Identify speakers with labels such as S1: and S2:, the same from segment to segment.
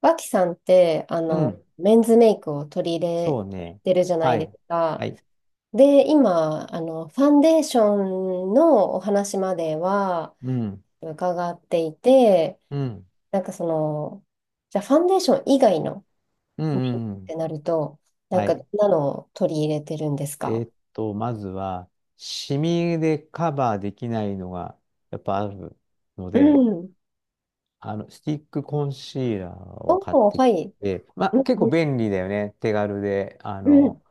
S1: 脇さんって、
S2: うん。
S1: メンズメイクを取り入
S2: そ
S1: れ
S2: うね。
S1: てるじゃな
S2: は
S1: いで
S2: い。
S1: す
S2: は
S1: か。
S2: い。
S1: で、今、ファンデーションのお話までは
S2: うん。
S1: 伺っていて、
S2: うん。
S1: なんかその、じゃあファンデーション以外の
S2: うん
S1: メイクっ
S2: うんう
S1: て
S2: ん。
S1: なると、なん
S2: は
S1: か、どん
S2: い。
S1: なのを取り入れてるんですか？
S2: まずは、シミでカバーできないのが、やっぱあるの
S1: う
S2: で、
S1: ん。
S2: スティックコンシーラーを買っ
S1: おー、
S2: て
S1: は
S2: き
S1: い。
S2: て、ま
S1: う
S2: あ、
S1: ん、
S2: 結構便利だよね。手軽で。
S1: うん。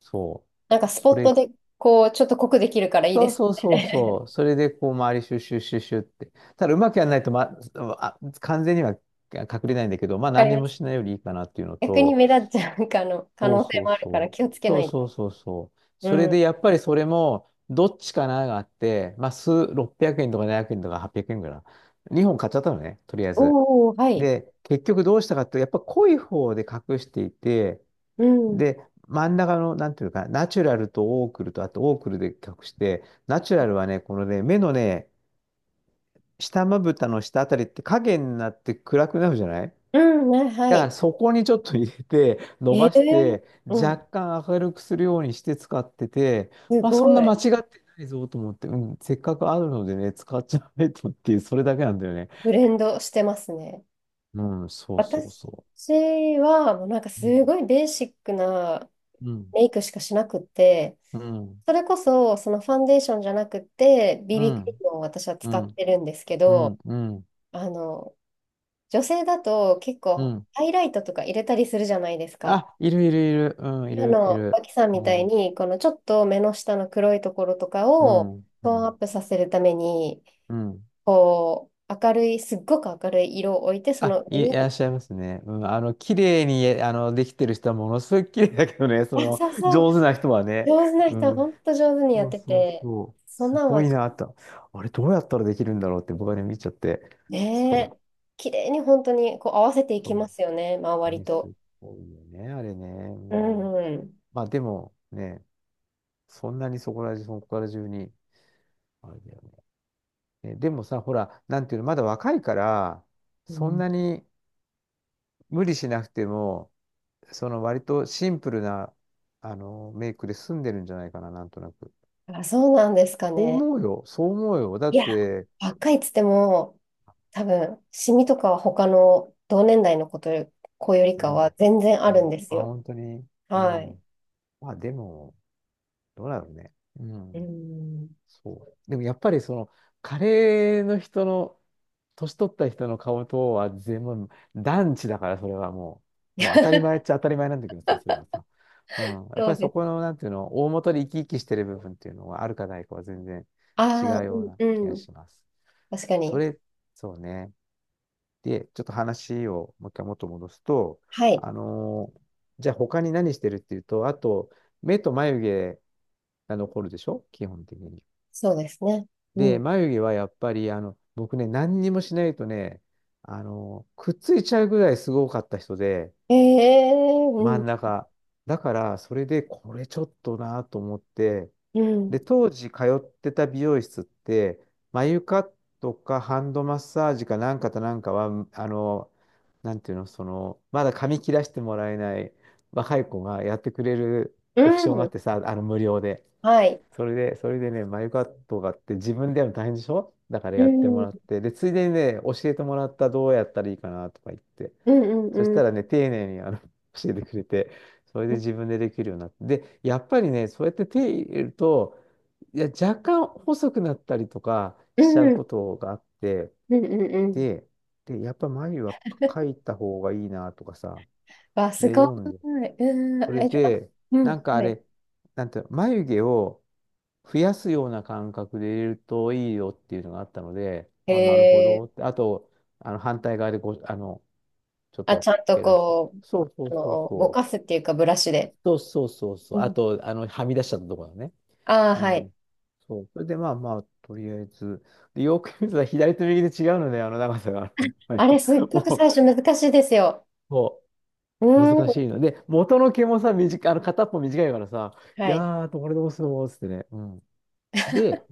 S2: そ
S1: なんか
S2: う。
S1: スポ
S2: そ
S1: ット
S2: れ、
S1: で、こう、ちょっと濃くできるからいい
S2: そ
S1: で
S2: う
S1: す
S2: そうそうそ
S1: ね。
S2: う。それで、こう、周りシュッシュッシュッシュッって。ただ、うまくやらないと、ま、あ、完全には隠れないんだけど、まあ、
S1: わか
S2: 何
S1: り
S2: に
S1: ま
S2: も
S1: す。
S2: しないよりいいかなっていうの
S1: 逆に
S2: と、
S1: 目立っちゃうかの可
S2: そう
S1: 能性
S2: そう
S1: もあるから
S2: そう。
S1: 気をつけ
S2: そ
S1: な
S2: う
S1: いと。
S2: そうそうそう。
S1: う
S2: それ
S1: ん。
S2: でやっぱりそれも、どっちかながあって、まあ、数、600円とか700円とか800円ぐらいかな。2本買っちゃったのね、とりあえず。
S1: おお、はい。
S2: で、結局どうしたかっていうと、やっぱ濃い方で隠していて、
S1: うん。
S2: で、真ん中の、なんていうか、ナチュラルとオークルと、あとオークルで隠して、ナチュラルはね、このね、目のね、下まぶたの下あたりって影になって暗くなるじゃない。
S1: うん、ねは
S2: だか
S1: い。
S2: らそこにちょっと入れて、伸
S1: ええ、
S2: ばして、
S1: うん。
S2: 若干明るくするようにして使ってて、
S1: す
S2: まあそん
S1: ご
S2: な間
S1: い。
S2: 違ってないぞと思って、うん、せっかくあるのでね、使っちゃえとっていう、それだけなんだよね。
S1: ブレンドしてますね。
S2: うん、そうそう
S1: 私
S2: そ
S1: は、もうなんか
S2: う。う
S1: す
S2: ん、
S1: ごいベーシックな
S2: うん、
S1: メイクしかしなくって、
S2: うん、
S1: それこそ、そのファンデーションじゃなくて、
S2: う
S1: BB クリー
S2: ん、
S1: ムを私は
S2: う
S1: 使っ
S2: ん、
S1: てるんですけ
S2: うん、
S1: ど、
S2: うん。
S1: あの、女性だと結
S2: う
S1: 構
S2: ん、
S1: ハイライトとか入れたりするじゃないですか。
S2: あ、いるいるいる、うん、い
S1: あ
S2: るい
S1: の、
S2: る。
S1: 脇さんみ
S2: う
S1: たい
S2: ん、
S1: に、このちょっと目の下の黒いところとか
S2: う
S1: を
S2: ん、う
S1: トーンアッ
S2: ん、
S1: プさせるために、
S2: うん。
S1: こう、明るい、すっごく明るい色を置いて、そ
S2: あ、
S1: の上
S2: い、い
S1: に、
S2: らっしゃいますね。うん、綺麗に、えできてる人はものすごい綺麗だけどね、そ
S1: あ、
S2: の、
S1: そうそう、
S2: 上手な人はね。
S1: 上手な
S2: う
S1: 人は
S2: ん。
S1: 本当上手にや
S2: そ
S1: っ
S2: う
S1: て
S2: そう
S1: て、
S2: そう。
S1: そん
S2: す
S1: なん
S2: ご
S1: は
S2: い
S1: ちょっと
S2: なと。あれ、どうやったらできるんだろうって僕はね、見ちゃって。
S1: ね、
S2: そ
S1: 綺麗に本当にこう合わせてい
S2: う。
S1: きま
S2: そ
S1: すよね、周
S2: う。
S1: り
S2: ね、
S1: と。
S2: すごいよね、あれね。う
S1: う
S2: ん。
S1: んうん。
S2: まあ、でもね、そんなにそこら中、そこら中に、あれだよね。ね、でもさ、ほら、なんていうの、まだ若いから、
S1: う
S2: そん
S1: ん。
S2: なに無理しなくても、その割とシンプルな、メイクで済んでるんじゃないかな、なんとなく。
S1: あ、そうなんですか
S2: そう
S1: ね。
S2: 思うよ、そう思うよ。だ
S1: い
S2: っ
S1: や、
S2: て、
S1: 若いっつっても、多分、シミとかは他の同年代の子とよ、子より
S2: う
S1: かは
S2: ん、
S1: 全然あ
S2: う
S1: るん
S2: ん、
S1: です
S2: あ、
S1: よ。
S2: 本当に、う
S1: はい。
S2: ん。まあでも、どうだろうね。う
S1: う
S2: ん。
S1: ん。
S2: そう。でもやっぱりその、カレーの人の、年取った人の顔とは全部、団地だから、それはもう、もう当たり 前っちゃ当たり前なんだけどさ、それはさ。うん。やっ
S1: そ
S2: ぱ
S1: う
S2: り
S1: で
S2: そこ
S1: す。
S2: の、なんていうの、大元で生き生きしてる部分っていうのは、あるかないかは全然違
S1: ああ、
S2: う
S1: う
S2: よう
S1: ん、
S2: な気
S1: う
S2: が
S1: ん。
S2: します。
S1: 確か
S2: そ
S1: に。
S2: れ、そうね。で、ちょっと話をもう一回元戻すと、
S1: はい。
S2: あのーじゃあ他に何してるっていうと、あと、目と眉毛が残るでしょ基本的に。
S1: そうですね。う
S2: で、
S1: ん。
S2: 眉毛はやっぱり、僕ね、何にもしないとね、くっついちゃうぐらいすごかった人で、
S1: ええ、う
S2: 真
S1: ん、
S2: ん中。だから、それで、これちょっとなと思って、
S1: うん、
S2: で、当時通ってた美容室って、眉カットかハンドマッサージかなんかとなんかは、なんていうの、その、まだ髪切らしてもらえない若い子がやってくれる
S1: う
S2: オプションがあっ
S1: ん。
S2: てさ、無料で。
S1: はい。
S2: それで、それでね、眉カットがあって自分でやるの大変でしょだから
S1: う
S2: やっても
S1: ん、う
S2: らっ
S1: ん、
S2: て、で、ついでにね、教えてもらったどうやったらいいかなとか言って、
S1: うん、
S2: そし
S1: う
S2: た
S1: ん、
S2: らね、丁寧に教えてくれて、それで
S1: うん、
S2: 自分でできるようになって、で、やっぱりね、そうやって手入れると、いや、若干細くなったりとか
S1: う
S2: しちゃう
S1: ん、
S2: ことがあって、
S1: うん、うん。
S2: で、で、やっぱ眉は書 いた方がいいなとかさ、
S1: わ、す
S2: で、
S1: ごい。
S2: 読んで、
S1: うん、
S2: それ
S1: え、じゃあ、
S2: で、
S1: う
S2: なん
S1: ん、
S2: かあ
S1: はい。
S2: れ、なんていうの眉毛を増やすような感覚で入れるといいよっていうのがあったので、あ、なるほ
S1: え
S2: ど
S1: ー、
S2: って。あと、あの反対側でこう、ちょっ
S1: あ、ち
S2: と
S1: ゃんと
S2: 減らして。
S1: こう、
S2: そうそ
S1: あ
S2: うそう
S1: の、ぼ
S2: そ
S1: かすっていうか、ブラシ
S2: う。
S1: で。
S2: そうそうそうそう。あと、はみ出しちゃったところだね。
S1: ああ、
S2: う
S1: はい。
S2: ん。そう。それで、まあまあ、とりあえず。で、よく見ると左と右で違うので、あの長さが。
S1: あれ、すっごく
S2: もう、
S1: 最初難しいですよ。
S2: も
S1: う
S2: う
S1: ー
S2: 難しい
S1: ん。
S2: の。で、元の毛もさ、短い、片っぽ短いからさ、い
S1: はい。
S2: やー、どれどうするのつってね。うん。で、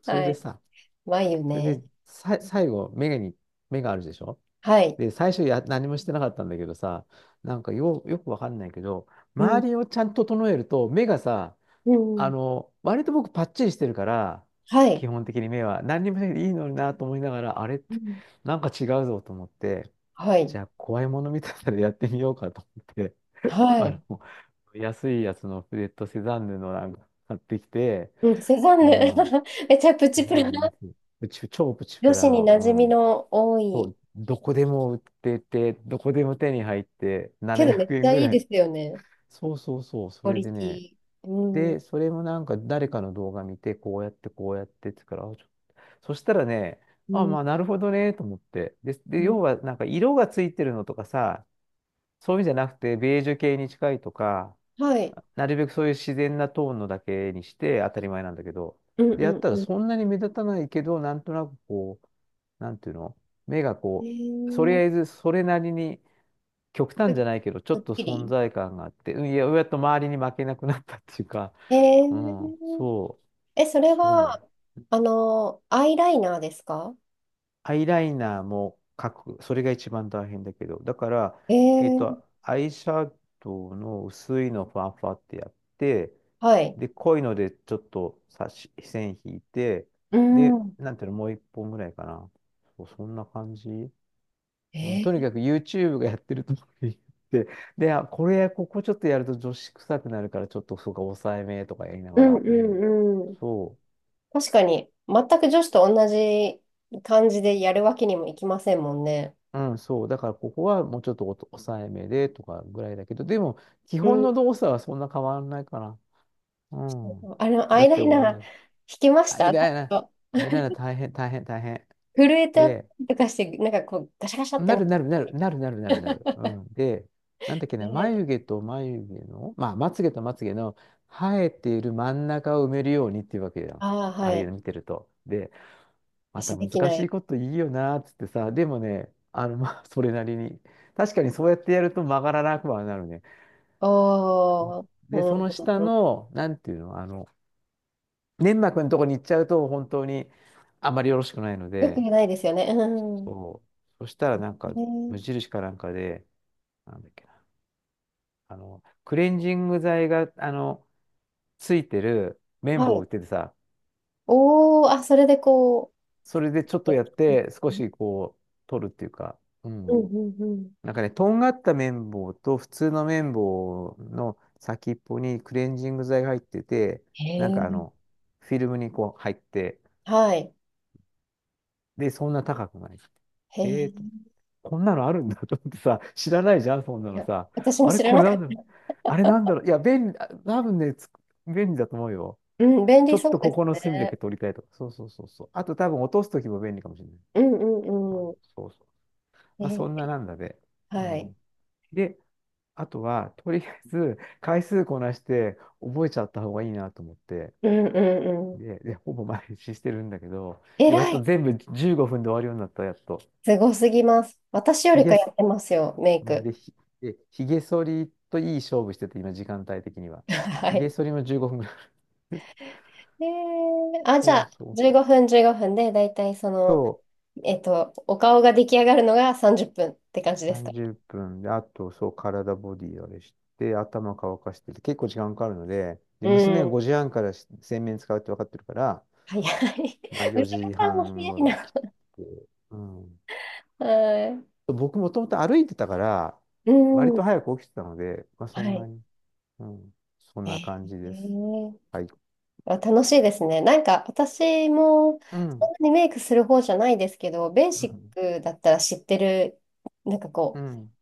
S2: それ
S1: は
S2: で
S1: い。
S2: さ、
S1: 眉
S2: それ
S1: ね。
S2: で、さ、最後、目がに、目があるでしょ。
S1: はい。
S2: で、最初や、何もしてなかったんだけどさ、なんかよ、よくわかんないけど、
S1: うん。
S2: 周りをちゃんと整えると、目がさ、
S1: うん。
S2: 割と僕パッチリしてるから、
S1: は
S2: 基
S1: い。
S2: 本的に目は、何にもしなくていいのになと思いながら、あれっ
S1: う
S2: て、
S1: ん。
S2: なんか違うぞと思って、
S1: は
S2: じ
S1: い。
S2: ゃあ、怖いもの見たさでやってみようかと思って。
S1: は
S2: あ
S1: い。
S2: の、安いやつのフレットセザンヌのなんか買ってきて、
S1: うん、セザン
S2: う
S1: ヌ。
S2: ん、
S1: めちゃプチ
S2: セ
S1: プ
S2: ザン
S1: ラ。
S2: ヌ安い。プチ超プチプ
S1: 女
S2: ラ
S1: 子に
S2: の、
S1: 馴染み
S2: うん。
S1: の多
S2: そ
S1: い。
S2: う、どこでも売ってて、どこでも手に入って、
S1: けど
S2: 700
S1: めっち
S2: 円
S1: ゃ
S2: ぐ
S1: いい
S2: ら
S1: です
S2: い。
S1: よね。
S2: そうそうそう、
S1: ク
S2: そ
S1: オ
S2: れ
S1: リ
S2: で
S1: テ
S2: ね。
S1: ィ。うん。
S2: で、それもなんか誰かの動画見て、こうやって、こうやってってから、あ、ちょそしたらね、
S1: う
S2: あ、
S1: ん。
S2: まあ、なるほどね、と思って。で、で、
S1: うん、
S2: 要はなんか色がついてるのとかさ、そういうんじゃなくて、ベージュ系に近いとか、
S1: はい。
S2: なるべくそういう自然なトーンのだけにして当たり前なんだけど、
S1: うん
S2: で、
S1: う
S2: やっ
S1: ん
S2: たら
S1: うん。
S2: そんなに目立たないけど、なんとなくこう、なんていうの、目が
S1: え
S2: こう、とり
S1: ー、
S2: あえずそれなりに極
S1: す
S2: 端じゃないけど、ちょ
S1: すっ
S2: っと
S1: き
S2: 存
S1: り。
S2: 在感があって、うん、いや、やっと周りに負けなくなったっていうか、
S1: え
S2: うん、
S1: ー、
S2: そ
S1: え、そ
S2: う、
S1: れ
S2: そうなんだ。
S1: は、あの、アイライナーですか？
S2: アイライナーも描く。それが一番大変だけど。だから、
S1: え
S2: えっ
S1: ー、
S2: と、アイシャドウの薄いのをファンファってやって、
S1: はい。
S2: で、濃いのでちょっと差し、線引いて、
S1: うん。
S2: で、
S1: うん。
S2: なんていうの、もう一本ぐらいかな。そう、そんな感じ。う
S1: え
S2: ん、とに
S1: ー、
S2: かく YouTube がやってるとこに行って、で、あ、これ、ここちょっとやると女子臭くなるから、ちょっとそうか、抑えめとか言いな
S1: う
S2: が
S1: んう
S2: ら。うん、
S1: んうん。
S2: そう。
S1: 確かに、全く女子と同じ感じでやるわけにもいきませんもんね。
S2: うん、そう。だからここはもうちょっとおと抑えめでとかぐらいだけど、でも基
S1: う
S2: 本
S1: ん。
S2: の動作はそんな変わらないかな。うん。
S1: あの、ア
S2: だっ
S1: イラ
S2: て
S1: イ
S2: 同
S1: ナー
S2: じ。
S1: 引きまし
S2: アイ
S1: たちょ
S2: ライ
S1: っ
S2: ナー、
S1: と
S2: アイライナー大変、大変、大変。
S1: 震えたり
S2: で、
S1: とかして、なんかこう、ガシャガシャって
S2: な
S1: なっ
S2: る
S1: て。
S2: なるなる、なるなるなるなる。う ん。で、なんだっけな、
S1: ね。
S2: 眉毛と眉毛の、まあ、まつ毛とまつ毛の生えている真ん中を埋めるようにっていうわけじゃん。
S1: ああ、
S2: あ
S1: は
S2: あいう
S1: い。
S2: の見てると。で、また
S1: 私でき
S2: 難
S1: な
S2: し
S1: い。
S2: いこといいよなーっつってさ、でもね、まあ、それなりに。確かにそうやってやると曲がらなくはなるね。うん。
S1: おー、う
S2: で、
S1: ん
S2: その下
S1: うんうん。
S2: の、なんていうの、粘膜のとこに行っちゃうと、本当にあまりよろしくないの
S1: よく
S2: で。
S1: ないですよね。うん。
S2: そう、そしたらなんか、
S1: ね、
S2: 無印かなんかで、なんだっけな、クレンジング剤が、ついてる綿
S1: は
S2: 棒を売っ
S1: い。
S2: ててさ。
S1: おー、あ、それでこ
S2: それでちょっ
S1: う。
S2: とやって、少しこう、取るっていうか、う
S1: うん
S2: ん。
S1: うんうん。
S2: なんかね、とんがった綿棒と普通の綿棒の先っぽにクレンジング剤が入ってて、
S1: へ
S2: なんかあ
S1: え。
S2: の、フィルムにこう入って、
S1: はい。
S2: で、そんな高くない。
S1: へえ、
S2: えーと、
S1: い
S2: こんなのあるんだと思ってさ、知らないじゃん、そんなの
S1: や、
S2: さ。
S1: 私も
S2: あれ、
S1: 知ら
S2: こ
S1: な
S2: れ
S1: か
S2: な
S1: っ
S2: んだろう。
S1: た。
S2: あれなんだろう。いや、便利、あ多分ね、つ便利だと思うよ。
S1: うん、便
S2: ちょ
S1: 利
S2: っ
S1: そう
S2: と
S1: で
S2: こ
S1: す
S2: この隅だけ
S1: ね。
S2: 取りたいとか。そうそうそうそう。あと多分落とすときも便利かもしれない。
S1: うんう
S2: あ、
S1: んう
S2: そうそう。まあ、
S1: ん。
S2: そん
S1: え
S2: ななんだで。
S1: ー、
S2: う
S1: はい。
S2: ん。で、あとは、とりあえず、回数こなして覚えちゃった方がいいなと思って、
S1: うんうんうん。
S2: で、ほぼ毎日してるんだけど、
S1: え
S2: やっ
S1: ら
S2: と
S1: い。
S2: 全部15分で終わるようになった、やっと。
S1: すごすぎます。私よ
S2: ひ
S1: りか
S2: げ
S1: や
S2: す、
S1: ってますよ、メイク。
S2: で、ひ、で、ひげ剃りといい勝負してて、今、時間帯的には。
S1: は
S2: ひげ
S1: い。
S2: 剃りも15分ぐらい。
S1: えー、あ、じゃ
S2: そう
S1: あ、
S2: そ
S1: 15
S2: う。
S1: 分15分で、だいたいその、
S2: そ
S1: えっと、お顔が出来上がるのが30分っぷんって感じ
S2: う、
S1: ですか？
S2: 30分で、あと、そう、体ボディあれして、頭乾かしてて、結構時間かかるので、
S1: う
S2: で、娘が
S1: ん。
S2: 5時半から洗面使うって分かってるから、
S1: 早い。
S2: まあ、
S1: 娘
S2: 4時
S1: さんも
S2: 半
S1: 早
S2: ご
S1: い
S2: ろ来
S1: な。
S2: て、うん。
S1: は
S2: 僕もともと歩いてたから、
S1: い。
S2: 割
S1: う
S2: と
S1: ん。
S2: 早く起きてたので、まあ、
S1: は
S2: そんな
S1: い。
S2: に、うん、そん
S1: え
S2: な感じ
S1: ー、え
S2: です。
S1: ー、
S2: はい。
S1: あ、楽しいですね。なんか私も
S2: う
S1: そん
S2: ん、
S1: なにメイクする方じゃないですけど、ベー
S2: う
S1: シッ
S2: ん、
S1: クだったら知ってる、なんか
S2: う
S1: こ
S2: ん、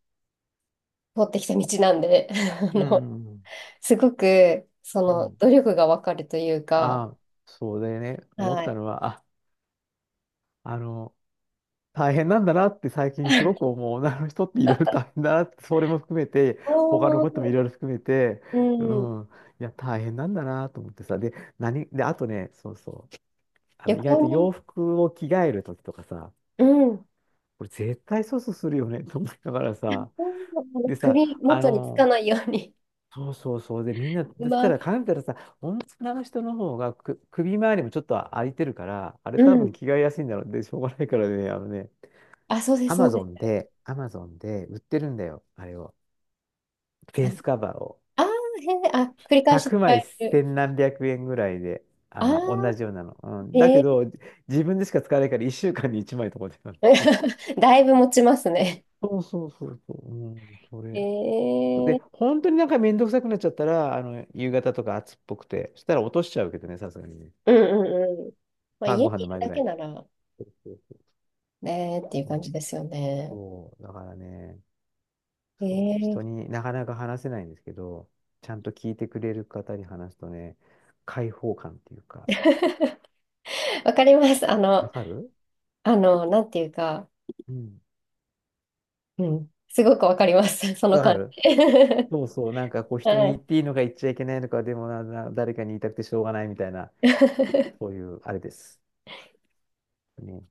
S1: う、通ってきた道なんで、あ
S2: うん、
S1: の、
S2: うん。
S1: すごく、そ
S2: う
S1: の、
S2: ん、
S1: 努力がわかるというか、
S2: ああ、そうでね、思っ
S1: は
S2: た
S1: い。
S2: のは、あの、大変なんだなって最近すごく 思う。女の人っていろいろ大変だなって、それも含めて、他の
S1: お
S2: こともい
S1: ー。
S2: ろいろ含めて、う
S1: うん、
S2: ん、いや、大変なんだなと思ってさ。で、あとね、そうそう。
S1: 旅
S2: 意外
S1: 行
S2: と
S1: に、
S2: 洋服を着替えるときとかさ、
S1: うん、
S2: これ絶対粗相するよね と思いながらさ、で
S1: 首
S2: さ、
S1: 元につかないように、
S2: そうそうそう、で、みんな、
S1: う
S2: そした
S1: まく、
S2: ら考えたらさ、女の人の方がく首周りもちょっと空いてるから、あれ
S1: う
S2: 多
S1: ん、
S2: 分着替えやすいんだろう。で、しょうがないからね、あのね、
S1: あ、そうです、そうです。
S2: アマゾンで売ってるんだよ、あれを。フ
S1: あ
S2: ェイスカバーを。
S1: あ、へえ、あ、繰り返し
S2: 100
S1: 使
S2: 枚
S1: える。
S2: 千何百円ぐらいで、
S1: あ
S2: あの、
S1: あ、
S2: 同じようなの。うん、だ
S1: へ
S2: け
S1: え。
S2: ど、自分でしか使わないから1週間に1枚とかで。
S1: だいぶ持ちますね。
S2: そうそうそうそう。うん、そ
S1: へ
S2: れ。で、
S1: え。
S2: 本当になんかめんどくさくなっちゃったら、あの、夕方とか暑っぽくて、そしたら落としちゃうけどね、さすがにね。
S1: うんうんうん。まあ、
S2: 晩
S1: 家
S2: ご
S1: に
S2: 飯
S1: い
S2: の
S1: る
S2: 前ぐ
S1: だ
S2: ら
S1: け
S2: い。
S1: なら
S2: そうそうそう。
S1: ねーっていう
S2: そ
S1: 感
S2: う
S1: じですよね。
S2: そう、だからね、
S1: え
S2: そう、人
S1: え。
S2: になかなか話せないんですけど、ちゃんと聞いてくれる方に話すとね、解放感っていうか、
S1: わかります。あ
S2: わ
S1: の、
S2: かる、
S1: あの、なんていうか、
S2: うん。
S1: うん、すごくわかります。その
S2: わか
S1: 感
S2: る、
S1: じ。
S2: そうそう、なんかこう 人に
S1: は
S2: 言っ
S1: い。
S2: ていいのか言っちゃいけないのか、でもな、誰かに言いたくてしょうがないみたいな、そういうあれです。ね